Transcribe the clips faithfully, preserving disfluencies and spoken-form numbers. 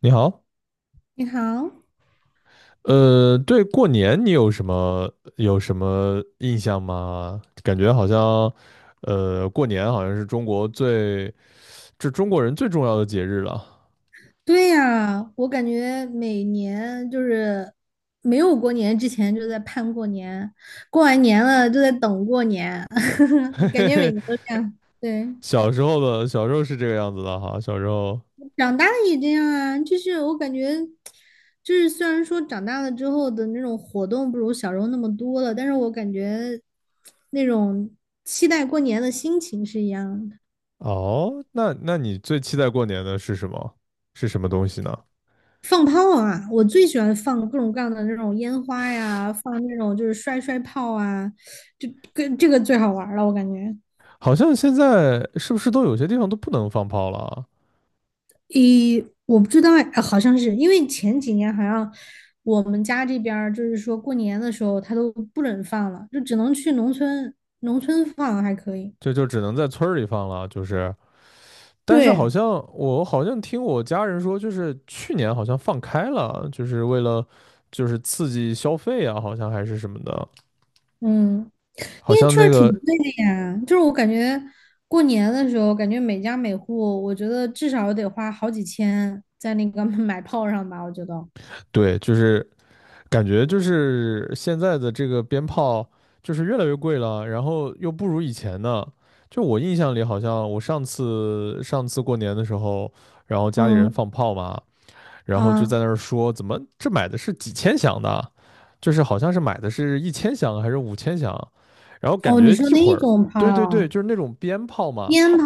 你好。你好。呃，对过年你有什么有什么印象吗？感觉好像，呃，过年好像是中国最，这中国人最重要的节日了。对呀，我感觉每年就是没有过年之前就在盼过年，过完年了就在等过年，感嘿觉每嘿，年都这样。对。小时候的小时候是这个样子的哈，小时候长大了也这样啊，就是我感觉，就是虽然说长大了之后的那种活动不如小时候那么多了，但是我感觉那种期待过年的心情是一样的。哦，那那你最期待过年的是什么？是什么东西呢？放炮啊！我最喜欢放各种各样的那种烟花呀，放那种就是摔摔炮啊，就跟这个最好玩儿了，我感觉。好像现在是不是都有些地方都不能放炮了啊？咦，我不知道哎，好像是因为前几年好像我们家这边儿就是说过年的时候他都不准放了，就只能去农村，农村放还可以。就就只能在村儿里放了，就是。但是好对。像我好像听我家人说，就是去年好像放开了，就是为了就是刺激消费啊，好像还是什么的，嗯，好因为像确那实挺个贵的呀，就是我感觉过年的时候，感觉每家每户，我觉得至少得花好几千在那个 买炮上吧，我觉得。对，就是感觉就是现在的这个鞭炮就是越来越贵了，然后又不如以前呢。就我印象里，好像我上次上次过年的时候，然后家里人嗯放炮嘛，然后就啊，在那儿说怎么这买的是几千响的，就是好像是买的是一千响还是五千响，然后感哦，你觉说一那会一儿，种对对对，炮，就是那种鞭炮嘛。烟炮，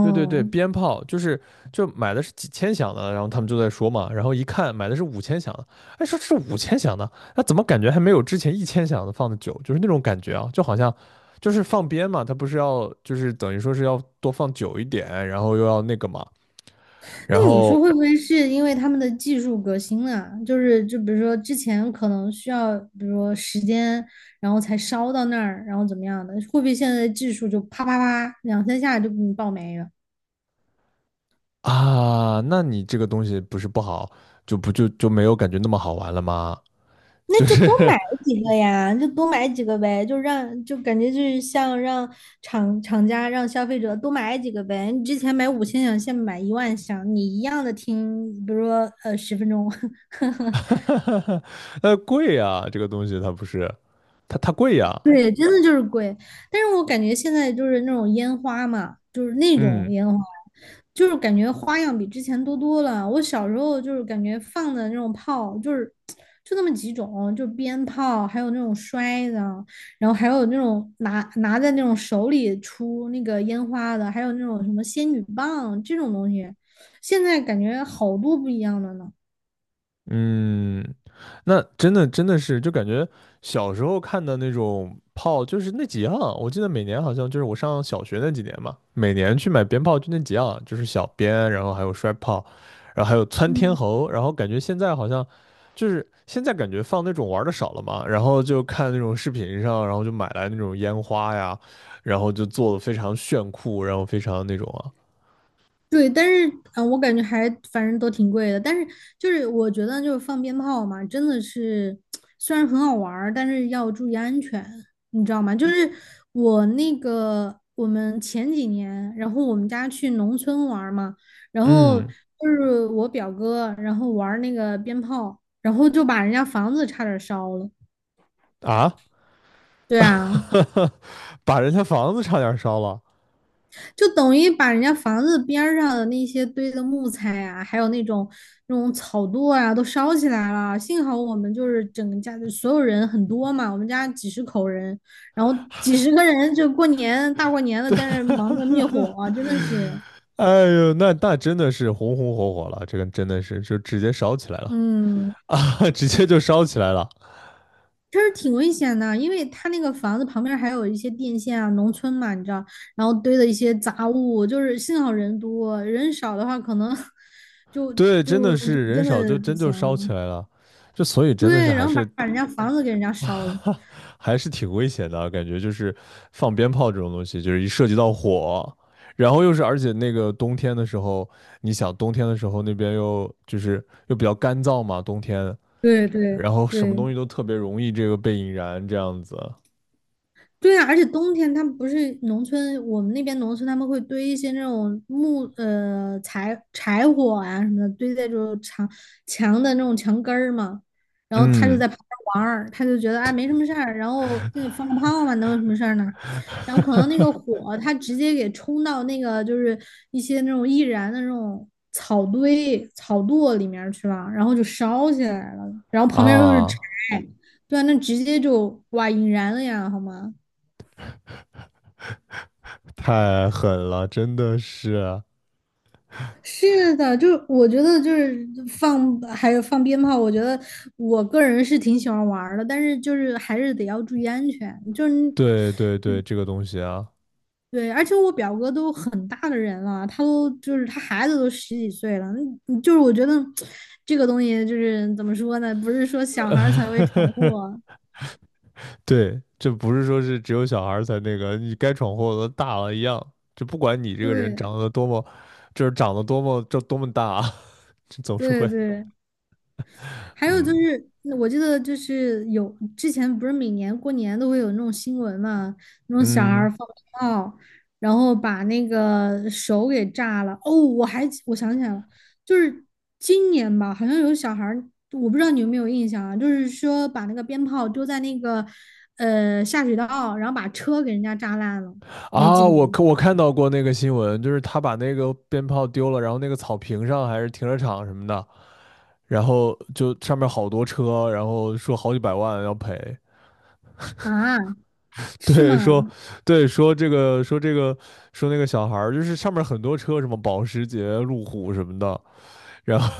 对对对，鞭炮就是就买的是几千响的，然后他们就在说嘛，然后一看买的是五千响的，哎，说这是五千响的，那怎么感觉还没有之前一千响的放的久，就是那种感觉啊，就好像。就是放鞭嘛，它不是要就是等于说是要多放久一点，然后又要那个嘛，然那你说后会不会是因为他们的技术革新啊？就是就比如说之前可能需要，比如说时间，然后才烧到那儿，然后怎么样的？会不会现在的技术就啪啪啪两三下就给你爆没了？啊，那你这个东西不是不好，就不就就没有感觉那么好玩了吗？那就就是 多买几个呀，就多买几个呗，就让就感觉就是像让厂厂家让消费者多买几个呗。你之前买五千响，现在买一万响，你一样的听，比如说呃十分钟。呃，贵呀，这个东西它不是，它它贵呀。对，真的就是贵。但是我感觉现在就是那种烟花嘛，就是那种嗯。烟花，就是感觉花样比之前多多了。我小时候就是感觉放的那种炮，就是就那么几种，就鞭炮，还有那种摔的，然后还有那种拿拿在那种手里出那个烟花的，还有那种什么仙女棒这种东西。现在感觉好多不一样的呢。嗯，那真的真的是，就感觉小时候看的那种炮，就是那几样。我记得每年好像就是我上小学那几年嘛，每年去买鞭炮就那几样，就是小鞭，然后还有摔炮，然后还有窜天嗯。猴。然后感觉现在好像就是现在感觉放那种玩的少了嘛，然后就看那种视频上，然后就买来那种烟花呀，然后就做的非常炫酷，然后非常那种啊。对，但是嗯、呃我感觉还反正都挺贵的。但是就是我觉得就是放鞭炮嘛，真的是虽然很好玩儿但是要注意安全，你知道吗？就是我那个我们前几年，然后我们家去农村玩儿嘛，然后就嗯是我表哥，然后玩儿那个鞭炮，然后就把人家房子差点儿烧了。啊，对啊。把人家房子差点烧了。就等于把人家房子边儿上的那些堆的木材啊，还有那种那种草垛啊，都烧起来了。幸好我们就是整个家的所有人很多嘛，我们家几十口人，然后几十个人就过年大过年的对，在那儿忙着灭火啊，真的是，哎呦，那那真的是红红火火了，这个真的是就直接烧起来了，嗯，直接就烧起来了。确实挺危险的，因为他那个房子旁边还有一些电线啊，农村嘛，你知道，然后堆的一些杂物，就是幸好人多，人少的话可能 就对，真的就就是人真少就的不真就行烧了。起来了，就所以真的是对，还然后把是 把人家房子给人家烧了，还是挺危险的啊，感觉就是放鞭炮这种东西，就是一涉及到火，然后又是而且那个冬天的时候，你想冬天的时候那边又就是又比较干燥嘛，冬天，对对然后什么对。东西都特别容易这个被引燃这样子。对啊，而且冬天他们不是农村，我们那边农村他们会堆一些那种木呃柴柴火啊什么的，堆在这种墙墙的那种墙根儿嘛。然后他就嗯。在旁边玩儿，他就觉得啊没什么事儿，然后那放个炮嘛，能有什么事儿呢？然后可能那个火他直接给冲到那个就是一些那种易燃的那种草堆草垛里面儿去了，然后就烧起来了，然后旁边又是柴，啊，对啊，那直接就哇引燃了呀，好吗？太狠了，真的是。是的，就是我觉得就是放还有放鞭炮，我觉得我个人是挺喜欢玩儿的，但是就是还是得要注意安全。就是你，对对对，这个东西啊，对，而且我表哥都很大的人了，他都就是他孩子都十几岁了，嗯就是我觉得这个东西就是怎么说呢，不是说小孩儿才会闯 祸，对，这不是说是只有小孩儿才那个，你该闯祸的大了一样，就不管你这个人对长得多么，就是长得多么，这多么大啊，这总是对会。对。还有就嗯是，我记得就是有之前不是每年过年都会有那种新闻嘛，那种小孩嗯儿放炮，然后把那个手给炸了。哦，我还记我想起来了，就是今年吧，好像有小孩儿我不知道你有没有印象啊，就是说把那个鞭炮丢在那个呃下水道，然后把车给人家炸烂了，你还记啊，得吗？我看我看到过那个新闻，就是他把那个鞭炮丢了，然后那个草坪上还是停车场什么的，然后就上面好多车，然后说好几百万要赔。啊，是对，说，吗？对，说这个，说这个，说那个小孩儿，就是上面很多车，什么保时捷、路虎什么的，然后，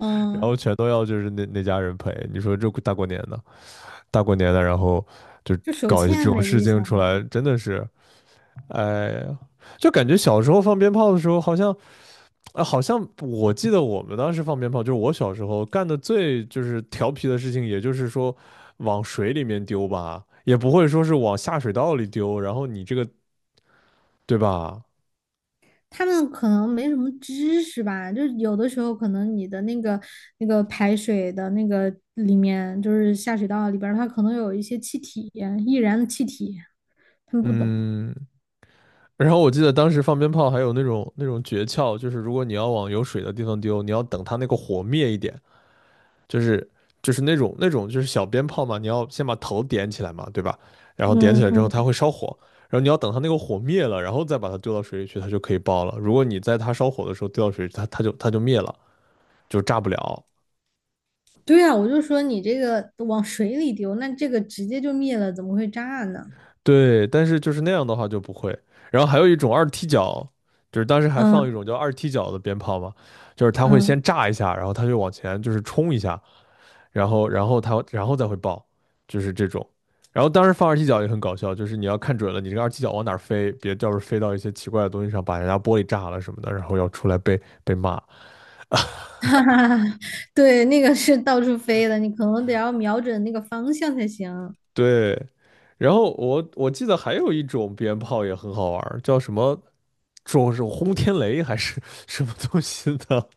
然后全都要就是那那家人赔。你说这大过年的，大过年的，然后就就手搞一些这欠种呗，这事些情小出来，孩。真的是，哎呀，就感觉小时候放鞭炮的时候，好像，啊，好像我记得我们当时放鞭炮，就是我小时候干的最就是调皮的事情，也就是说往水里面丢吧。也不会说是往下水道里丢，然后你这个对吧？他们可能没什么知识吧，就是有的时候可能你的那个那个排水的那个里面，就是下水道里边儿它可能有一些气体，易燃的气体，他们不懂。嗯，然后我记得当时放鞭炮还有那种那种诀窍，就是如果你要往有水的地方丢，你要等它那个火灭一点，就是就是那种那种就是小鞭炮嘛，你要先把头点起来嘛，对吧？然后点嗯起来之后它嗯，会烧火，然后你要等它那个火灭了，然后再把它丢到水里去，它就可以爆了。如果你在它烧火的时候丢到水里去它它就它就灭了，就炸不了。对啊，我就说你这个往水里丢，那这个直接就灭了，怎么会炸呢？对，但是就是那样的话就不会。然后还有一种二踢脚，就是当时还放一嗯种叫二踢脚的鞭炮嘛，就是它会先嗯，炸一下，然后它就往前就是冲一下，然后然后它然后再会爆，就是这种。然后当时放二踢脚也很搞笑，就是你要看准了你这个二踢脚往哪儿飞，别到时候飞到一些奇怪的东西上，把人家玻璃炸了什么的，然后要出来被被骂。哈哈哈，对，那个是到处飞的，你可能得要瞄准那个方向才行。对，然后我我记得还有一种鞭炮也很好玩儿叫什么？说是轰天雷还是什么东西的，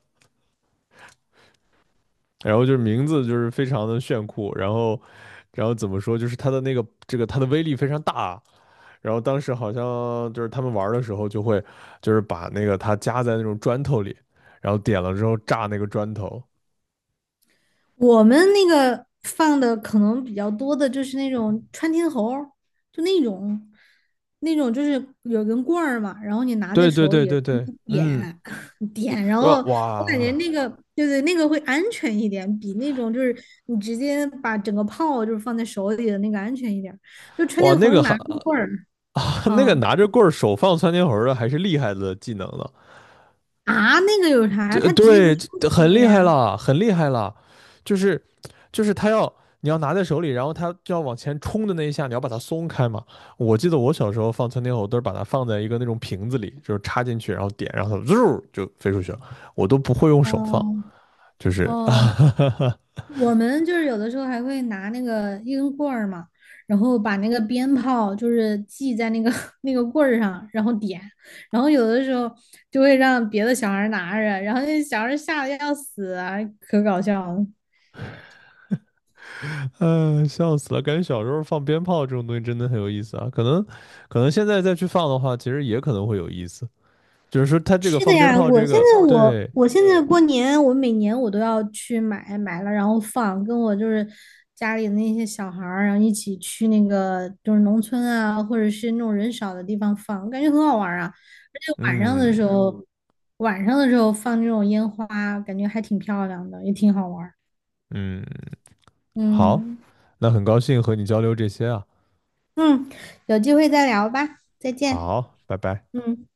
然后就是名字就是非常的炫酷，然后，然后怎么说，就是它的那个这个它的威力非常大，然后当时好像就是他们玩的时候就会就是把那个它夹在那种砖头里，然后点了之后炸那个砖头。我们那个放的可能比较多的就是那种穿天猴儿就那种，那种就是有根棍儿嘛，然后你拿在对对手对里，然对后对，你嗯，点 点，然呃后我感觉哇那个对对，那个会安全一点，比那种就是你直接把整个炮就是放在手里的那个安全一点儿就穿哇天那猴儿个还 拿根棍儿，那个嗯拿着棍儿手放窜天猴的还是厉害的技能呢，啊，那个有啥呀？对它直接就对，出这去很的厉害呀。了，很厉害了，就是就是他要你要拿在手里，然后他就要往前冲的那一下，你要把它松开嘛。我记得我小时候放窜天猴都是把它放在一个那种瓶子里，就是插进去，然后点，然后它嗖就飞出去了。我都不会用手放，嗯就是 哦，啊我们就是有的时候还会拿那个一根棍儿嘛，然后把那个鞭炮就是系在那个 那个棍儿上，然后点，然后有的时候就会让别的小孩儿拿着，然后那小孩儿吓得要死啊，可搞笑了。嗯，笑死了！感觉小时候放鞭炮这种东西真的很有意思啊。可能，可能现在再去放的话，其实也可能会有意思。就是说，它这个是的放鞭呀，炮我这现个，在我对。我现在过年，我每年我都要去买买了，然后放，跟我就是家里的那些小孩儿，然后一起去那个就是农村啊，或者是那种人少的地方放，我感觉很好玩儿啊。而且晚上的时嗯候，嗯晚上的时候放那种烟花，感觉还挺漂亮的，也挺好玩儿。嗯，好，嗯那很高兴和你交流这些啊。嗯，有机会再聊吧，再见。好，拜拜。嗯。